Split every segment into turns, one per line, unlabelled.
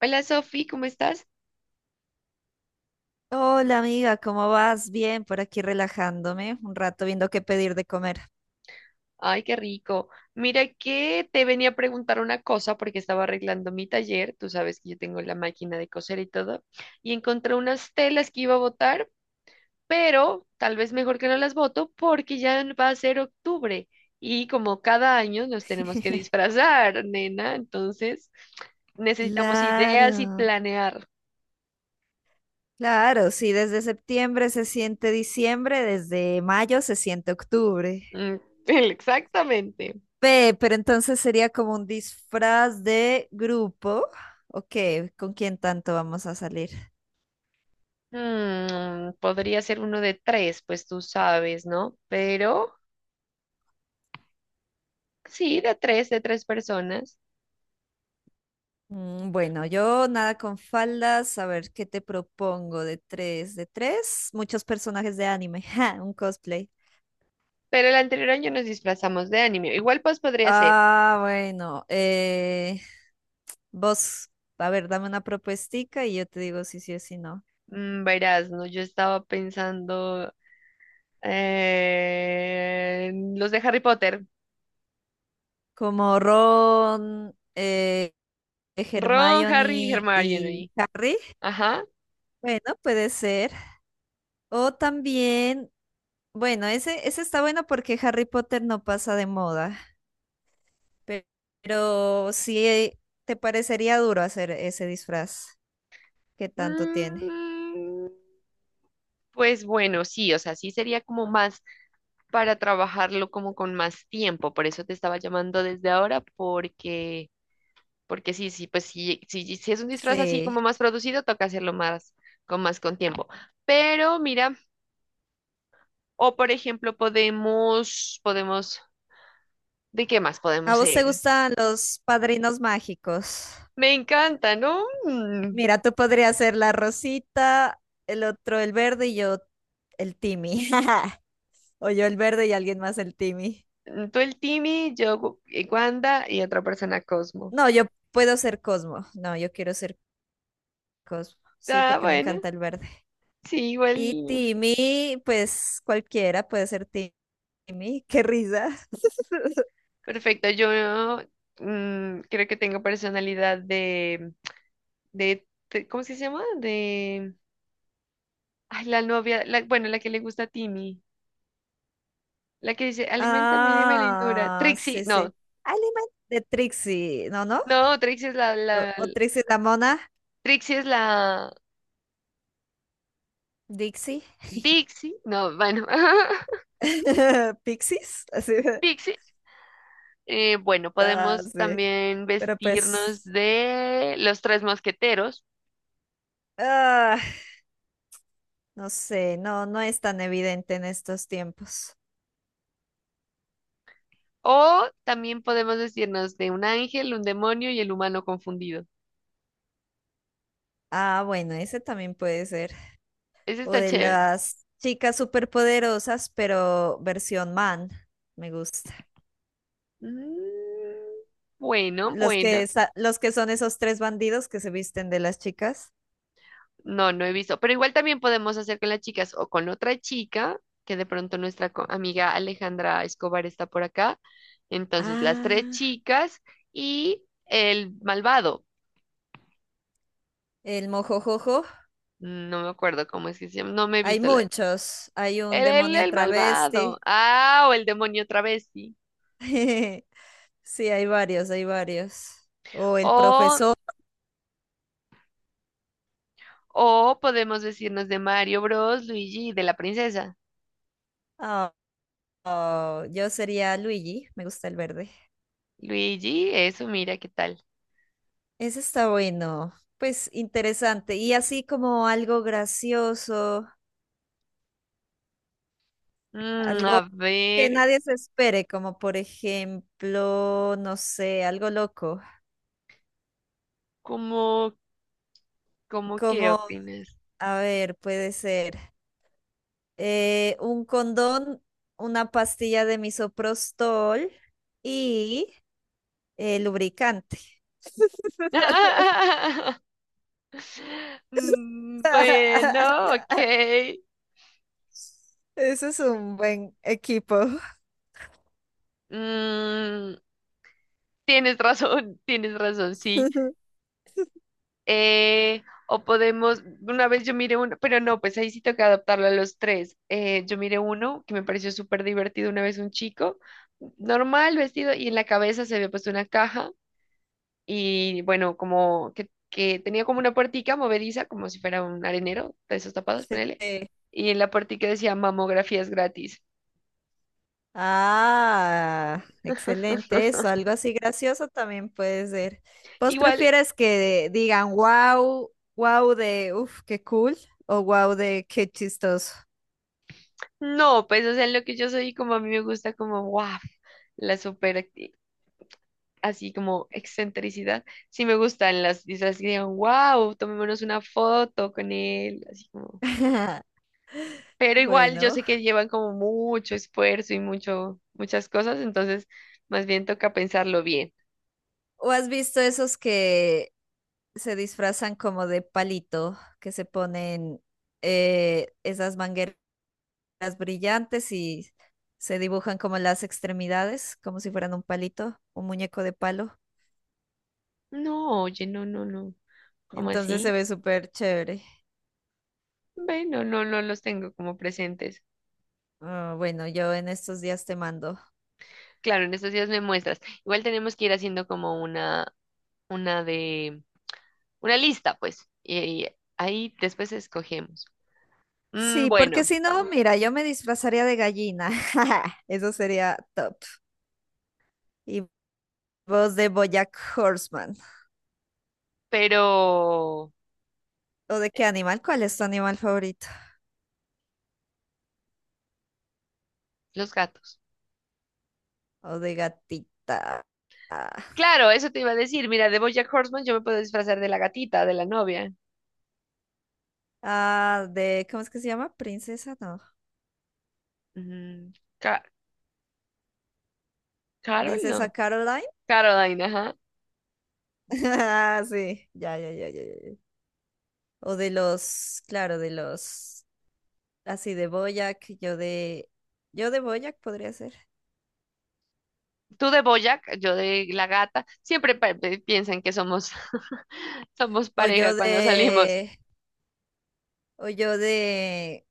Hola Sofi, ¿cómo estás?
Hola amiga, ¿cómo vas? Bien, por aquí relajándome, un rato viendo qué pedir de comer.
Ay, qué rico. Mira que te venía a preguntar una cosa porque estaba arreglando mi taller, tú sabes que yo tengo la máquina de coser y todo, y encontré unas telas que iba a botar, pero tal vez mejor que no las boto porque ya va a ser octubre y como cada año nos tenemos que disfrazar, nena, entonces necesitamos ideas y
Claro,
planear.
claro, sí, desde septiembre se siente diciembre, desde mayo se siente octubre.
Mm, Exactamente.
Ve, pero entonces sería como un disfraz de grupo. ¿O qué? ¿Con quién tanto vamos a salir?
Podría ser uno de tres, pues tú sabes, ¿no? Pero... Sí, de tres personas.
Bueno, yo nada con faldas. A ver, ¿qué te propongo? De tres, muchos personajes de anime. Ja, un cosplay.
Pero el anterior año nos disfrazamos de anime. Igual pues podría ser.
Ah, bueno. Vos, a ver, dame una propuestica y yo te digo si sí o si no.
Verás, no, yo estaba pensando en los de Harry Potter.
Como Ron,
Ron, Harry y
Hermione y
Hermione.
Harry.
Ajá.
Bueno, puede ser. O también, bueno, ese está bueno porque Harry Potter no pasa de moda. pe- Pero, sí te parecería duro hacer ese disfraz que tanto tiene.
Mm, pues bueno, sí, o sea, sí sería como más para trabajarlo como con más tiempo. Por eso te estaba llamando desde ahora, porque porque sí, sí, pues sí, sí, si es un disfraz así
Sí.
como más producido, toca hacerlo más con tiempo. Pero mira, o por ejemplo, podemos, ¿de qué más
¿A
podemos
vos te
ser?
gustan los padrinos mágicos?
Me encanta, ¿no?
Mira, tú podrías ser la rosita, el otro el verde y yo el Timmy. O yo el verde y alguien más el Timmy.
Tú el Timmy, yo Wanda y otra persona Cosmo.
No, yo puedo ser Cosmo. No, yo quiero ser Cosmo. Sí,
Ah,
porque me
bueno,
encanta el verde.
sí, igual.
Y Timmy, pues cualquiera puede ser Timmy. Qué risa.
Perfecto, yo creo que tengo personalidad de, ¿cómo es que se llama? De, ay, la novia, la, bueno, la que le gusta a Timmy. La que dice, aliméntame, dime lindura.
Ah,
Trixie,
sí, sí.
no,
Alemán de Trixie, ¿no, no?
no, Trixie es la, la,
O Trixie la mona,
Trixie es la
Dixie,
Dixie, no, bueno,
Pixies, así.
Pixie. Bueno,
Ah,
podemos
sí.
también
Pero
vestirnos
pues,
de los tres mosqueteros
ah, no sé, no, no es tan evidente en estos tiempos.
o también podemos vestirnos de un ángel, un demonio y el humano confundido.
Ah, bueno, ese también puede ser.
Ese
O
está
de
chévere.
las chicas superpoderosas, pero versión man, me gusta.
Mm, bueno,
Los
bueno.
que, los que son esos tres bandidos que se visten de las chicas.
No, no he visto, pero igual también podemos hacer con las chicas o con otra chica, que de pronto nuestra amiga Alejandra Escobar está por acá. Entonces, las tres
Ah,
chicas y el malvado.
el mojojojo.
No me acuerdo cómo es que se llama, no me he
Hay
visto la...
muchos. Hay un
El, el,
demonio
el malvado.
travesti.
Ah, o el demonio travesti.
Sí, hay varios, hay varios. O el
O,
profesor.
o podemos decirnos de Mario Bros, Luigi y de la princesa.
Ah, oh, yo sería Luigi, me gusta el verde.
Luigi, eso, mira qué tal.
Ese está bueno, pues interesante. Y así como algo gracioso, algo
A
que
ver,
nadie se espere, como por ejemplo, no sé, algo loco.
¿cómo, ¿cómo qué
Como,
opinas?
a ver, puede ser un condón, una pastilla de misoprostol y lubricante.
Mm, bueno, ok.
Eso es un buen equipo.
Mm, tienes razón, tienes razón, sí. O podemos, una vez yo miré uno, pero no, pues ahí sí toca adaptarlo a los tres. Yo miré uno que me pareció súper divertido una vez un chico, normal vestido, y en la cabeza se había puesto una caja y bueno, como que tenía como una puertica movediza, como si fuera un arenero de esos tapados,
Sí.
ponele. Y en la puertica decía mamografías gratis.
Ah, excelente eso. Algo así gracioso también puede ser. ¿Vos
Igual,
prefieres que digan wow, wow de uff, qué cool o wow de qué chistoso?
no, pues, o sea, en lo que yo soy, como a mí me gusta como, wow, la super, así como excentricidad, sí me gustan las disfraces que digan, wow, tomémonos una foto con él, así como, pero igual yo
Bueno.
sé que llevan como mucho esfuerzo y mucho, muchas cosas, entonces, más bien toca pensarlo bien.
¿O has visto esos que se disfrazan como de palito, que se ponen esas mangueras brillantes y se dibujan como las extremidades, como si fueran un palito, un muñeco de palo?
No, oye, no, no, no, ¿cómo
Entonces se
así?
ve súper chévere.
Bueno, no, no los tengo como presentes.
Ah, bueno, yo en estos días te mando.
Claro, en estos días me muestras. Igual tenemos que ir haciendo como una de una lista, pues, y ahí después escogemos. Mm,
Sí, porque
bueno,
si no, mira, yo me disfrazaría de gallina. Eso sería top. Y vos de BoJack Horseman.
pero
¿O de qué animal? ¿Cuál es tu animal favorito?
los gatos.
¿O de gatita? Ah,
Claro, eso te iba a decir. Mira, de BoJack Horseman yo me puedo disfrazar de la gatita, de la novia.
ah, de, ¿cómo es que se llama? Princesa, no.
Mm, Ca- Carol,
Princesa
no.
Caroline.
Caroline, ajá.
Ah, sí, ya, ya, ya, ya, ya, ya. O de los, claro, de los, así de BoJack, yo de BoJack podría ser.
Tú de BoJack, yo de la gata. Siempre piensan que somos, somos
O yo
pareja cuando salimos.
de... O yo de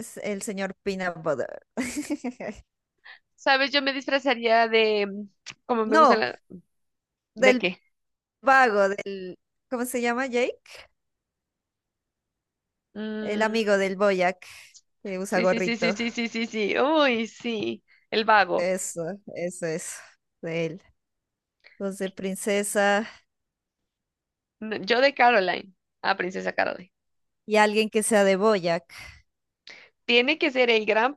el señor Peanut Butter.
¿Sabes? Yo me disfrazaría de, como me gusta
No,
la... ¿De
del
qué?
vago, del... ¿Cómo se llama Jake? El
Mm,
amigo del Boyac que usa
sí, sí, sí, sí,
gorrito.
sí, sí, sí, sí. Uy, sí. El vago.
Eso es de él. Los de princesa
No, yo de Caroline, a Princesa Caroline.
y alguien que sea de Boyac.
Tiene que ser el gran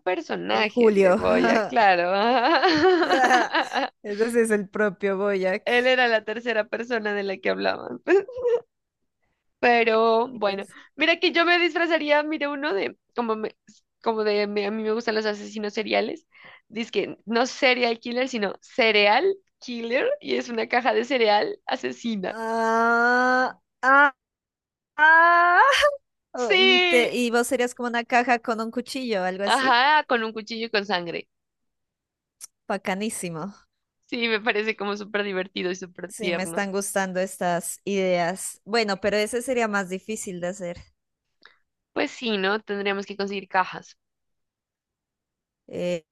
El
personaje, el de
Julio.
Boya, claro.
Ese sí es el propio Boyac.
Él era la tercera persona de la que hablaban. Pero
Y
bueno,
pues...
mira que yo me disfrazaría, mira uno de, como, a mí me gustan los asesinos seriales. Dice que no serial killer, sino cereal killer, y es una caja de cereal asesina.
Ah, ah, ah. Oh,
Sí,
y vos serías como una caja con un cuchillo, algo así.
ajá, con un cuchillo y con sangre.
Bacanísimo.
Sí, me parece como súper divertido y súper
Sí, me
tierno.
están gustando estas ideas. Bueno, pero ese sería más difícil de hacer.
Pues sí, ¿no? Tendríamos que conseguir cajas
Eh,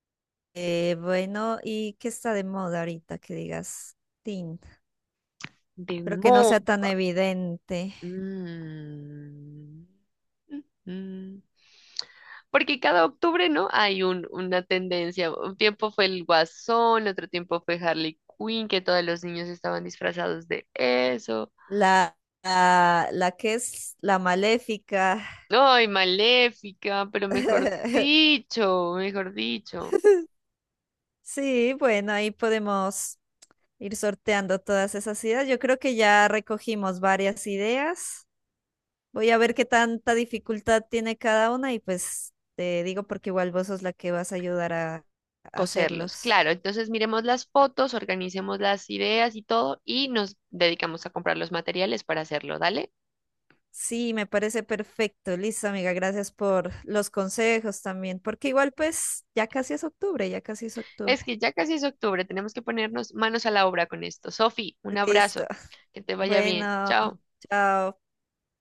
bueno, ¿y qué está de moda ahorita que digas? Tin,
de
pero que no
moda.
sea tan evidente.
Mm. Ujú. Porque cada octubre, ¿no? Hay una tendencia. Un tiempo fue el Guasón, otro tiempo fue Harley Quinn, que todos los niños estaban disfrazados de eso.
La, la que es la maléfica.
¡Ay, Maléfica! Pero mejor dicho,
Sí, bueno, ahí podemos ir sorteando todas esas ideas. Yo creo que ya recogimos varias ideas. Voy a ver qué tanta dificultad tiene cada una y pues te digo porque igual vos sos la que vas a ayudar a
coserlos.
hacerlos.
Claro, entonces miremos las fotos, organicemos las ideas y todo, y nos dedicamos a comprar los materiales para hacerlo, ¿dale?
Sí, me parece perfecto. Listo, amiga, gracias por los consejos también, porque igual pues ya casi es octubre, ya casi es octubre.
Es que ya casi es octubre, tenemos que ponernos manos a la obra con esto. Sofi, un
Listo.
abrazo, que te vaya bien.
Bueno,
Chao.
chao.